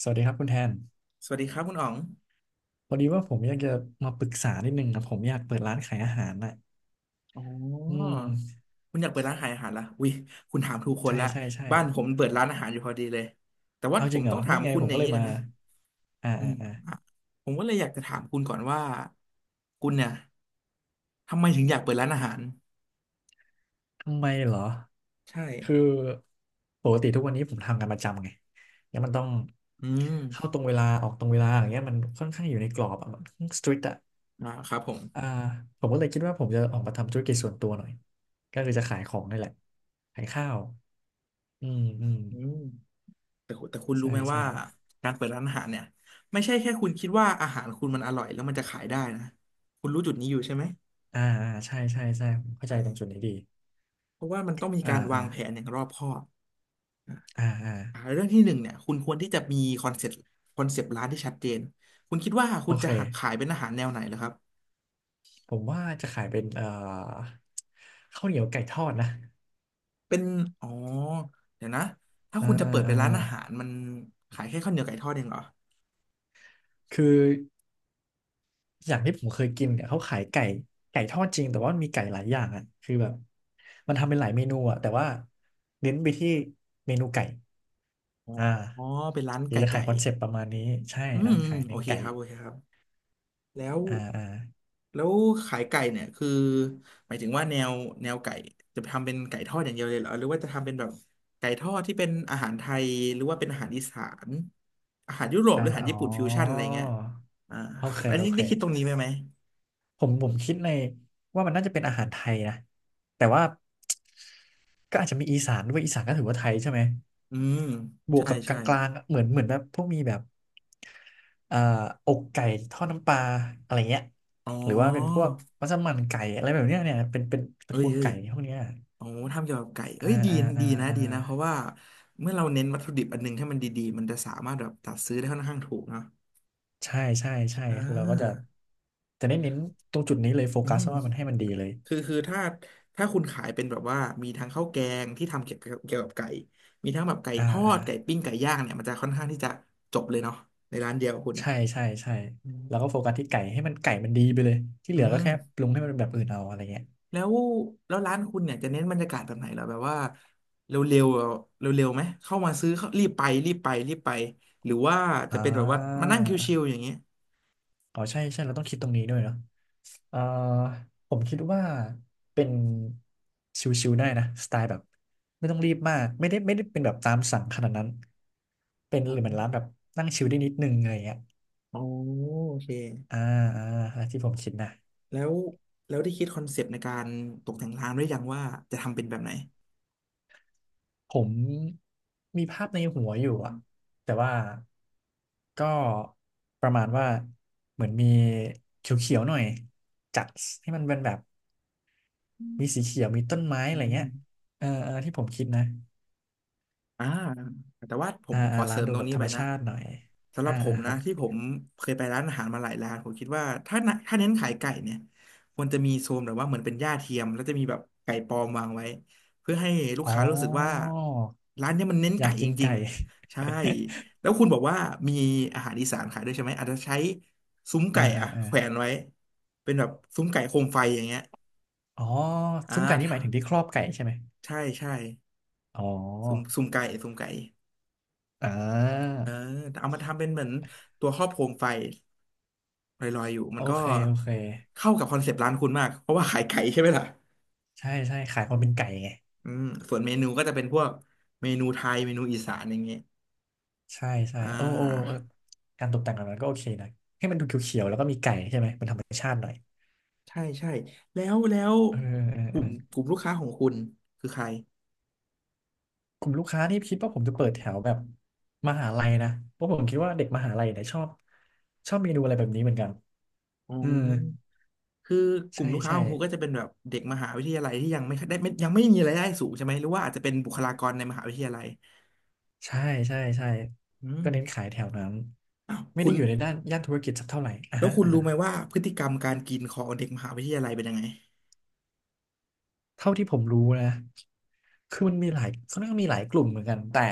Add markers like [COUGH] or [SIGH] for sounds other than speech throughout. สวัสดีครับคุณแทนสวัสดีครับคุณอ๋องพอดีว่าผมอยากจะมาปรึกษานิดนึงนะผมอยากเปิดร้านขายอาหารน่ะอ๋ออืมคุณอยากเปิดร้านขายอาหารละอุ้ยคุณถามถูกคนใช่ละ ใช่ใช่บ้านผมเปิดร้านอาหารอยู่พอดีเลย แต่ว่าเอาผจริมงเหรต้อองถานี่มไงคุณผมอย่าก็งเลนี้ยก่อมานนะอ่าอือ่ามอ่าอ่ะผมก็เลยอยากจะถามคุณก่อนว่า คุณเนี่ย ทำไมถึงอยากเปิดร้านอาหาร ทำไมเหรอใช่คือปกติทุกวันนี้ผมทำงานประจำไงแล้วมันต้องอืมเข้าตรงเวลาออกตรงเวลาอย่างเงี้ยมันค่อนข้างอยู่ในกรอบอะมันสตริกอะอ่าครับผมอ่าผมก็เลยคิดว่าผมจะออกมาทำธุรกิจส่วนตัวหน่อยก็คือจะขายของนี่แหละขายข้าวอืมอืมอืมแต่คุณรู้ใช่ไหมใช่ ว่าการเปิดร้านอาหารเนี่ย ไม่ใช่แค่คุณคิดว่าอาหารคุณมันอร่อยแล้วมันจะขายได้นะคุณรู้จุดนี้อยู่ใช่ไหมอ่าอ่าใช่ใช่ใช่ผมใชเข้าใจตรงจุดนี้่ดีเพราะว่ามันต้องมีอ่าการอ่าวางแผนอย่างรอบคอบ อ่าอ่าอ่าเรื่องที่หนึ่งเนี่ยคุณควรที่จะมีคอนเซ็ปต์ร้านที่ชัดเจนคุณคิดว่าโอคุณจะเคขายเป็นอาหารแนวไหนเหรอครับผมว่าจะขายเป็นข้าวเหนียวไก่ทอดนะเป็นอ๋อเดี๋ยวนะถ้าอ่าคุณจะเปิดเป็อ่านร้านอาหารมันขายแค่ข้าวเหนียวไก่ทอดเองเหรอคืออย่างที่ผมเคยกินเนี่ยเขาขายไก่ไก่ทอดจริงแต่ว่ามันมีไก่หลายอย่างอ่ะคือแบบมันทำเป็นหลายเมนูอ่ะแต่ว่าเน้นไปที่เมนูไก่อ๋ออ่าอ๋อเป็นร้านเดี๋ยไก่วจะขาไก่ยคอนเซปต์ประมาณนี้ใช่อืมร้านอืมขายโอเน้นเคไก่ครับโอเคครับแล้ว อ่าอ่าแล้วขายไก่เนี่ยคือหมายถึงว่าแนวไก่จะทำเป็นไก่ทอดอย่างเดียวเลยเหรอหรือว่าจะทำเป็นแบบไก่ทอดที่เป็นอาหารไทยหรือว่าเป็นอาหารอีสานอาหารยุโรปหอ่ารืออาหารอ๋อญี่ปุ่นฟิวชั่นอะไรเงี้ยอ่าโอเคอันโอนี้เค ได้คิดตรงนี้ไหมไหมผมผมคิดในว่ามันน่าจะเป็นอาหารไทยนะแต่ว่าก็อาจจะมีอีสานด้วยอีสานก็ถือว่าไทยใช่ไหมอืมบวกใช่กับกใช่ลางๆอะเหมือนเหมือนแบบพวกมีแบบเอ่อกไก่ทอดน้ำปลาอะไรเงี้ยอ๋หรือว่าเป็นพอวกมัสมั่นไก่อะไรแบบเนี้ยเนี่ยเป็นเป็นตเอ้ระยกูลเอ้ยไก่พวกเนี้ยโอ๋ทำเกี่ยวกับไก่เอ้อ่ายดีอ่าอ่าดีนะอ่าดีนะเพราะว่าเมื่อเราเน้นวัตถุดิบอันหนึงให้มันดีๆมันจะสามารถแบบตัดซื้อได้ค่อนข้างถูกเนาะใช่ใช่ใช่อ่คือเราก็จะาจะเน้นเน้นตรงจุดนี้เลยโฟอืกัสม ว่ามันให้มันดีเลยคือถ้าคุณขายเป็นแบบว่ามีทั้งข้าวแกงที่ทำเกี่ยวกับไก่มีทั้งแบบไก่อ่าทออ่า ดไก่ปิ้งไก่ย่างเนี่ยมันจะค่อนข้างที่จะจบเลยเนาะในร้านเดียวคุณใช่ใช่ใช่อืมแล้วก็โฟกัสที่ไก่ให้มันไก่มันดีไปเลยที่เหอืลือก็มแค่ปรุงให้มันเป็นแบบอื่นเอาอะไรเงี้ยแล้วแล้วร้านคุณเนี่ยจะเน้นบรรยากาศแบบไหนเหรอแบบว่าเร็วๆเร็วเร็วๆไหมเข้ามาซื้อเข้ารีบไปรีบไปรีบไปหรือว่าจะอ่เป็นแบบว่ามาานั่งชิวๆอย่างเงี้ยอ๋อใช่ใช่เราต้องคิดตรงนี้ด้วยเนาะเอ่อผมคิดว่าเป็นชิวๆได้นะสไตล์แบบไม่ต้องรีบมากไม่ได้ไม่ได้เป็นแบบตามสั่งขนาดนั้นเป็นอ๋หรือเหมือนร้านแบอบนั่งชิลได้นิดนึงอะไรเงี้ยอ๋อโอเคอ่าอ่าที่ผมคิดนะ แล้วแล้วได้คิดคอนเซปต์ในการตกแต่งร้านไว้ยังว่าจะทำเป็นแบบไหนผมมีภาพในหัวอยู่อะแต่ว่าก็ประมาณว่าเหมือนมีเขียวๆหน่อยจัดให้มันเป็นแบบมีสีเขียวมีต้นไม้อะอืไรเงี้ม ยเออเออที่ผมคิดนะอ่าแต่ว่าผมอ่าผมอ่าขอเสร้านริมดูตรงแบบนี้ธรไปรมนะชาติหน่อยสำหอ่ารับผอ่ามคนะรับที่ผมเคยไปร้านอาหารมาหลายร้านผมคิดว่าถ้าน่ะถ้าเน้นขายไก่เนี่ยควรจะมีโซนแบบว่าเหมือนเป็นหญ้าเทียมแล้วจะมีแบบไก่ปลอมวางไว้เพื่อให้ลูกอ๋ค้ารู้สึกว่าอร้านเนี้ยมันเน้นอยาไก่กจกินริไก่ งๆใช่แล้วคุณบอกว่ามีอาหารอีสานขายด้วยใช่ไหมอาจจะใช้ซุ้ม [LAUGHS] อ่าไก่อ่าอะอ่าแขวนไว้เป็นแบบซุ้มไก่โคมไฟอย่างเงี้ยอ๋ออ่ซุ้มไก่นี่หมายถึงาที่ครอบไก่ใช่ไหม ใช่ใช่อ๋อซุ้มไก่ อ่าเออแต่เอามาทำเป็นเหมือนตัวครอบโคมไฟลอยๆอยู่มัโอนก็เคโอเคเข้ากับคอนเซปต์ร้านคุณมากเพราะว่าขายไก่ใช่ไหมล่ะใช่ใช่ขายอืความมเป็นไก่ไง อืมส่วนเมนูก็จะเป็นพวกเมนูไทยเมนูอีสานอย่างเงี้ยใช่ใช่อ่โอ้โอ้าเออการตกแต่งแบบนั้นก็โอเคนะให้มันดูเขียวๆแล้วก็มีไก่ใช่ไหมเป็นธรรมชาติหน่อยใช่ใช่แล้วเออเออกเอลุ่มอกลุ่มลูกค้าของคุณคือใครกลุ่มลูกค้านี่คิดว่าผมจะเปิดแถวแบบมหาลัยนะเพราะผมคิดว่าเด็กมหาลัยเนี่ยชอบชอบเมนูอะไรแบบนี้เหมือนกันอ๋อืมอคือกลุ่ใช่มลูกค้าใช่ของคุณก็จะเป็นแบบเด็กมหาวิทยาลัยที่ยังไม่ได้ไม่ยังไม่มีรายได้สูงใช่ไหมหรือว่าอาจจะเป็นบุคลากรในมหาวิทยาลัยใช่ใช่ใช่อืมก็เน้นขายแถวนั้นอ้าวไม่คุได้ณ อยู่ในด้านย่านธุรกิจสักเท่าไหร่อ่ะแล้วฮะคุณอ่ะรู้ฮะ ไหมว่าพฤติกรรมการกินของเด็กมหาวิทยาลัยเป็นยังไงเท่าที่ผมรู้นะคือมันมีหลายเขาเรียกว่ามีหลายกลุ่มเหมือนกัน แต่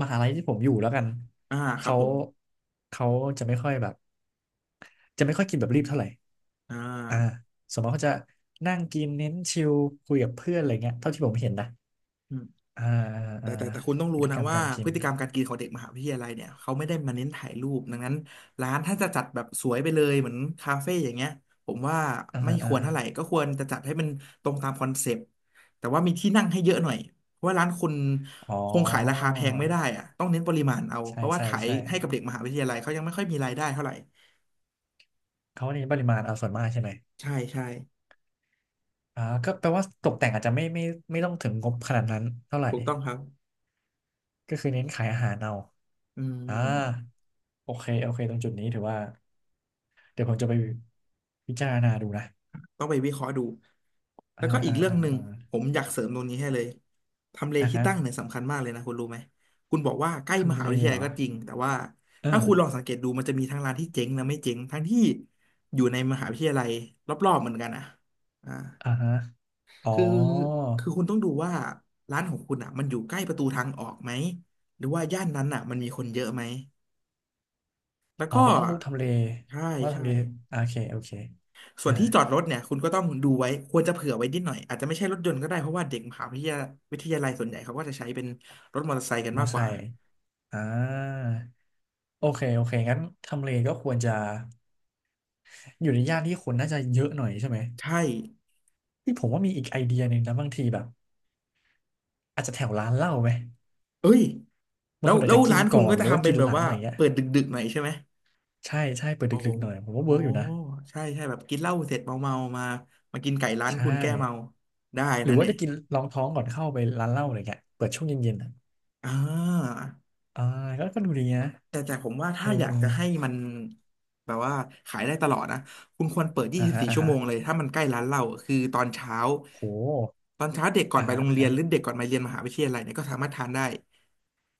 มหาลัยที่ผมอยู่แล้วกัน อ่าครับเขาผมเขาจะไม่ค่อยแบบจะไม่ค่อยกินแบบรีบเท่าไหร่อ่อ่าาสมมติเขาจะนั่งกินเน้นชิลคุยกับเพื่อนอะไรเงี้ยเท่าที่ผมเห็นนะอืมอ่าอ่าแต่อ่าแต่แต่คุณต้องพรู้ฤติกนะรรมว่าการกิพฤนติกรรมการกินของเด็กมหาวิทยาลัยเนี่ยเขาไม่ได้มาเน้นถ่ายรูป ดังนั้นร้านถ้าจะจัดแบบสวยไปเลยเหมือนคาเฟ่อย่างเงี้ยผมว่าอ่าไม่คอ่าวรเท่าไหร่ก็ควรจะจัดให้มันตรงตามคอนเซปต์แต่ว่ามีที่นั่งให้เยอะหน่อยเพราะว่าร้านคุณอ๋อคงขายราคาแพงไม่ได้อะต้องเน้นปริมาณเอาเพใช่ราะว่าใช่ขายใช่ให้กับเด็กมหาวิทยาลัยเขายังไม่ค่อยมีรายได้เท่าไหร่เขาเน้นปริมาณเอาส่วนมากใช่ไหมใช่ใช่อ่าก็แปลว่าตกแต่งอาจจะไม่ไม่ไม่ต้องถึงงบขนาดนั้นเท่าไหร่ถูกต้องครับก็คือเน้นขายอาหารเอา อืม อ่าโอเคโอเคตรงจุดนี้ถือว่าเดี๋ยวผมจะไปพิจารณาดูนะต้องไปวิเคราะห์ดูแล้อ่าวก็อีกอ่าเรื่องอ่าหนึ่งอ่าผมอยากเสริมตรงนี้ให้เลยทำเลอ่าที่ฮะตั้งเนี่ยสำคัญมากเลยนะคุณรู้ไหมคุณบอกว่าใกล้มทำหาเลวิทยาเหรลัยอก็จริงแต่ว่าเออถ้าคุณลองสังเกตดูมันจะมีทั้งร้านที่เจ๊งและไม่เจ๊งทั้งที่อยู่ในมหาวิทยาลัยรอบๆเหมือนกันอ่ะอ่าอ่าฮะอ๋อคือคือคุณต้องดูว่าร้านของคุณอ่ะมันอยู่ใกล้ประตูทางออกไหมหรือว่าย่านนั้นอ่ะมันมีคนเยอะไหมแล้วอ๋อก็ก็ต้องดูทำเลใช่ว่าใช่ ทำเลโอเคโอเคส่วอ่านที่จอดรถเนี่ยคุณก็ต้องดูไว้ควรจะเผื่อไว้นิดหน่อยอาจจะไม่ใช่รถยนต์ก็ได้เพราะว่าเด็กมหาวิทยาวิทยาลัยส่วนใหญ่เขาก็จะใช้เป็นรถมอเตอร์ไซค์กันมอมากกไซว่าค์อ่าโอเคโอเคงั้นทำเลก็ควรจะอยู่ในย่านที่คนน่าจะเยอะหน่อยใช่ไหมใช่ที่ผมว่ามีอีกไอเดียหนึ่งนะบางทีแบบอาจจะแถวร้านเหล้าไหมเอ้ยบาแล้งวคนอาแล้จวจะกินร้านคุก่อณนก็หจะรือว่าทำเป็นกินแบหบลังว่าอะไรเงี้ย เปิดดึกๆหน่อยใช่ไหมใช่ใช่เปิดโอ้โหดึกๆหน่อยผมว่าโอ้เวิร์กอยู่นะใช่ใช่แบบกินเหล้าเสร็จเมาๆมามากินไก่ร้านใช่คุณแก้เมาได้หรืนะอว่าเนี่ยจะกินรองท้องก่อนเข้าไปร้านเหล้าอะไรเงี้ยเปิดช่วงเย็นๆอ่ะอ่า อ่าก็ก็ดูดีนะแต่ผมว่าเอถ้าออยาเอกอจะให้มันแบบว่าขายได้ตลอดนะคุณควรเปิดอ่าฮะ24อ่าชั่วฮะโมงเลยถ้ามันใกล้ร้านเราคือตอนเช้าโหตอนเช้าเด็กก่อนอ่าไปฮะโรงอ่าเรียฮะนหรือเด็กก่อนมาเรียนมหาวิทยาลัยเนี่ยก็สามารถทานได้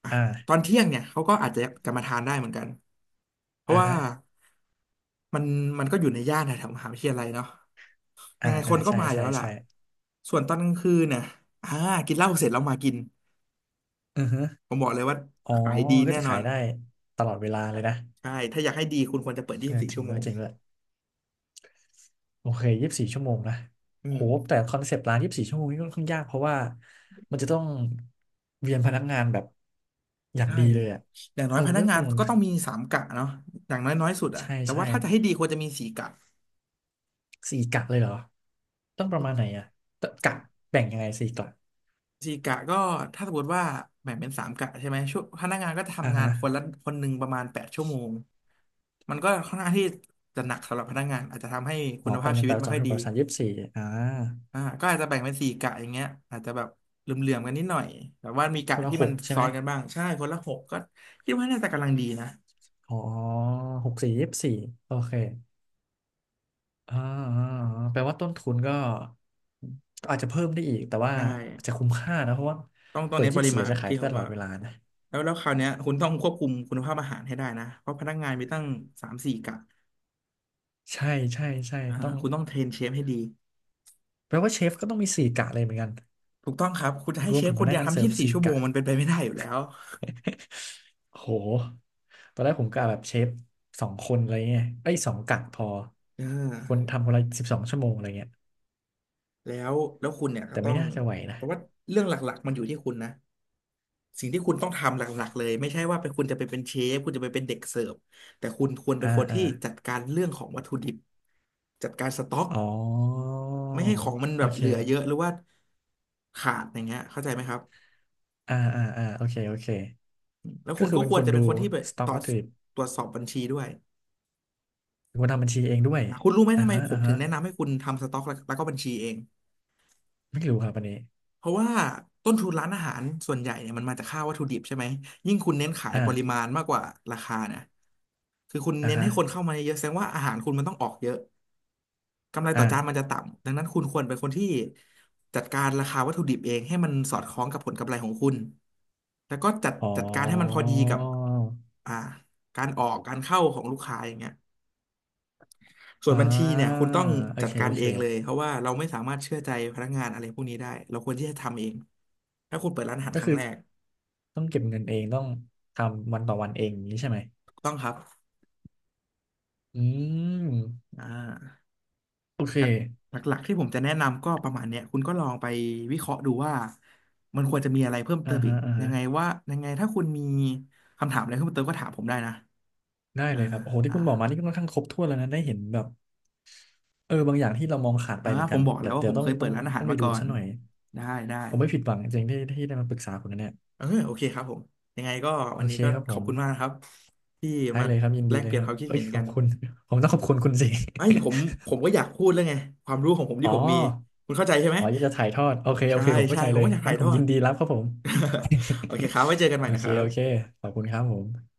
อ่ะตออ่านเที่ยงเนี่ยเขาก็อาจจะจะมาทานได้เหมือนกันเพราะอ่าว่าฮะมันมันก็อยู่ในย่านแถวๆมหาวิทยาลัยเนาะยัอ่างไงคอ่านก็ใช่มาอยู่ใช่แล้วล่ะใช่ส่วนตอนกลางคืนเนี่ยอ่ากินเหล้าเสร็จแล้วมากินอือฮึผมบอกเลยว่าอ๋อขายดีก็แน่จะนอขายนได้ตลอดเวลาเลยนะใช่ถ้าอยากให้ดีคุณควรจะเปิดยี่เออสิบสี่จริชั่งวโมด้วยง จริงด้วยโอเคยี่สิบสี่ชั่วโมงนะอืโหมแต่คอนเซปต์ร้านยี่สิบสี่ชั่วโมงนี่ค่อนข้างยากเพราะว่ามันจะต้องเวียนพนักงานแบบอย่างใช่ดีเลยอ่ะอย่างน้เออยอพมันนัก็กต้องงานคำนวณ ก็ต้องมีสามกะเนาะอย่างน้อยน้อยสุดอะใช่แต่ใช่ว่าถ้าจะให้ดีควรจะมีสี่กะสี่กะเลยเหรอต้องประมาณไหนอ่ะตกะแบ่งยังไงสี่กะสี่กะก็ถ้าสมมติว่าแบ่งเป็นสามกะใช่ไหมช่วงพนักงานก็จะอ่าทำงานฮะคนละคนหนึ่งประมาณ8 ชั่วโมงมันก็ค่อนข้างที่จะหนักสำหรับพนักงานอาจจะทำให้คุอ๋อณแปภาดพหนึ่ชีงแปวิตดไม่สอค่งอยถึงดีแปดสามยี่สิบสี่อ่าอ่าก็อาจจะแบ่งเป็นสี่กะอย่างเงี้ยอาจจะแบบเหลื่อมๆกันนิดหน่อยแต่ว่ามีคกะนละที่หมันกใช่ซ้ไหมอนกันบ้างใช่คนละหกก็คิดว่าน่าจะกำลังดีนะอ๋อหกสี่ยี่สิบสี่โอเคอ่าอ่าอ่าแปลว่าต้นทุนก็ก็อาจจะเพิ่มได้อีกแต่ว่าใช่ อาจจะคุ้มค่านะเพราะว่าต้องเปิดเน้นยี่ปสิบริสี่มาณจะขายที่ได้ผตมลอว่าดเวลานะแล้วคราวเนี้ยคุณต้องควบคุมคุณภาพอาหารให้ได้นะเพราะพนักงานมีตั้งสามสี่กะใช่ใช่ใช่อ่าต้องคุณต้องเทรนเชฟให้ดีแปลว่าเชฟก็ต้องมีสี่กะเลยเหมือนกันถูกต้องครับคุณจะให้รวเชมฟถึงคพนนัเดีกยวงานทำเสิยี่ร์ฟสิบสี่สี่ชั่วโมกะ งมันเป็นไปไม่ได้อยู่แล้ว [LAUGHS] โหตอนแรกผมกะแบบเชฟสองคนอะไรเงี้ยไอ้ยสองกะพอ อ่คนาทำคนละ12 ชั่วโมงอะไรเงี้ยแล้วคุณเนี่ยก็แต่ต้อไม่งน่าจะไหวนะแต่ว่าเรื่องหลักๆมันอยู่ที่คุณนะสิ่งที่คุณต้องทำหลักๆเลยไม่ใช่ว่าไปคุณจะไปเป็นเชฟคุณจะไปเป็นเด็กเสิร์ฟแต่คุณควรเป็อ่านคนอ่าที่จัดการเรื่องของวัตถุดิบจัดการสต็อก อ๋อไม่ให้ของมันแบโอบเหลือเยอะเคหรือว่าขาดอย่างเงี้ยเข้าใจไหมครับอ่าอ่าอ่าโอเคโอเคแล้วก็คุณคือก็เป็นควครนจะเป็ดูนคนที่ไปสต็อตกรววัจตถุดิบตรวจสอบบัญชีด้วยเป็นคนทำบัญชีเองด้วยอ่ะคุณรู้ไหมอ่าทำไมฮะผมอ่าถึฮะงแนะนำให้คุณทำสต็อกแล้วก็บัญชีเองไม่รู้ครับอันนี้เพราะว่าต้นทุนร้านอาหารส่วนใหญ่เนี่ยมันมาจากค่าวัตถุดิบใช่ไหมยิ่งคุณเน้นขายปริอ่ามาณมากกว่าราคาเนะคือคุณอ่าเน้นฮะให้คนเข้ามาเยอะแสดงว่าอาหารคุณมันต้องออกเยอะ กำไรต่ออ่าจานมันจะต่ำดังนั้นคุณควรเป็นคนที่จัดการราคาวัตถุดิบเองให้มันสอดคล้องกับผลกำไรของคุณแล้วก็จัดอ๋อจัดการให้มันพอดีกับอ่าการออกการเข้าของลูกค้าอย่างเงี้ยส่วอ่นบัญชีเนี่ยาคุณต้องโอจัดเคการโอเอเคงเลยเพราะว่าเราไม่สามารถเชื่อใจพนักงานอะไรพวกนี้ได้เราควรที่จะทำเองถ้าคุณเปิดร้านอาหารก็ครั้คืงอ แรกต้องเก็บเงินเองต้องทำวันต่อวันเองอย่างนี้ใช่ไหมถูกต้องครับอืมอ่า โอเคหลักๆที่ผมจะแนะนำก็ประมาณเนี้ยคุณก็ลองไปวิเคราะห์ดูว่ามันควรจะมีอะไรเพิ่มเติอ่ามอีฮะกอ่ายัฮะงไงว่ายังไงถ้าคุณมีคำถามอะไรเพิ่มเติมก็ถามผมได้นะได้อ่าเลยครับโอ้โหที่อ่าคุณบอกมานี่ก็ค่อนข้างครบถ้วนแล้วนะได้เห็นแบบเออบางอย่างที่เรามองขาดไปอ่าเหมือนผกัมนบอกแล้เดี๋ยววว่าเดี๋ผยวมต้อเคงยเปิต้อดงร้านอาหาต้รองไปมาดูก่อนซะหน่อยได้ได้ผมไม่ผิดหวังจริงๆที่ที่ได้มาปรึกษาคุณนะเนี่ยเออโอเคครับผมยังไงก็โอวันนี้เคก็ครับขผอบมคุณมากนะครับที่ได้มาเลยครับยินแลดีกเลเปยลี่ยคนรัคบวามคิดเอ้ยเห็นขกัอบนคุณ [LAUGHS] ผมต้องขอบคุณคุณสิ [LAUGHS] ไอ้ยผมก็อยากพูดแล้วไงความรู้ของผมอ๋ที่อผมมีคุณเข้าใจใช่ไหมอ๋ออยากจะถ่ายทอดโอเคโอใช่เคผมเข้าใช่ใจผเลมยก็อยากงั้ถ่านยผทมอยิด นดีรับครับผม [LAUGHS] โอเคครับไว้เจอ [LAUGHS] กันใหโอม่นะเคครับโอเคขอบคุณครับผม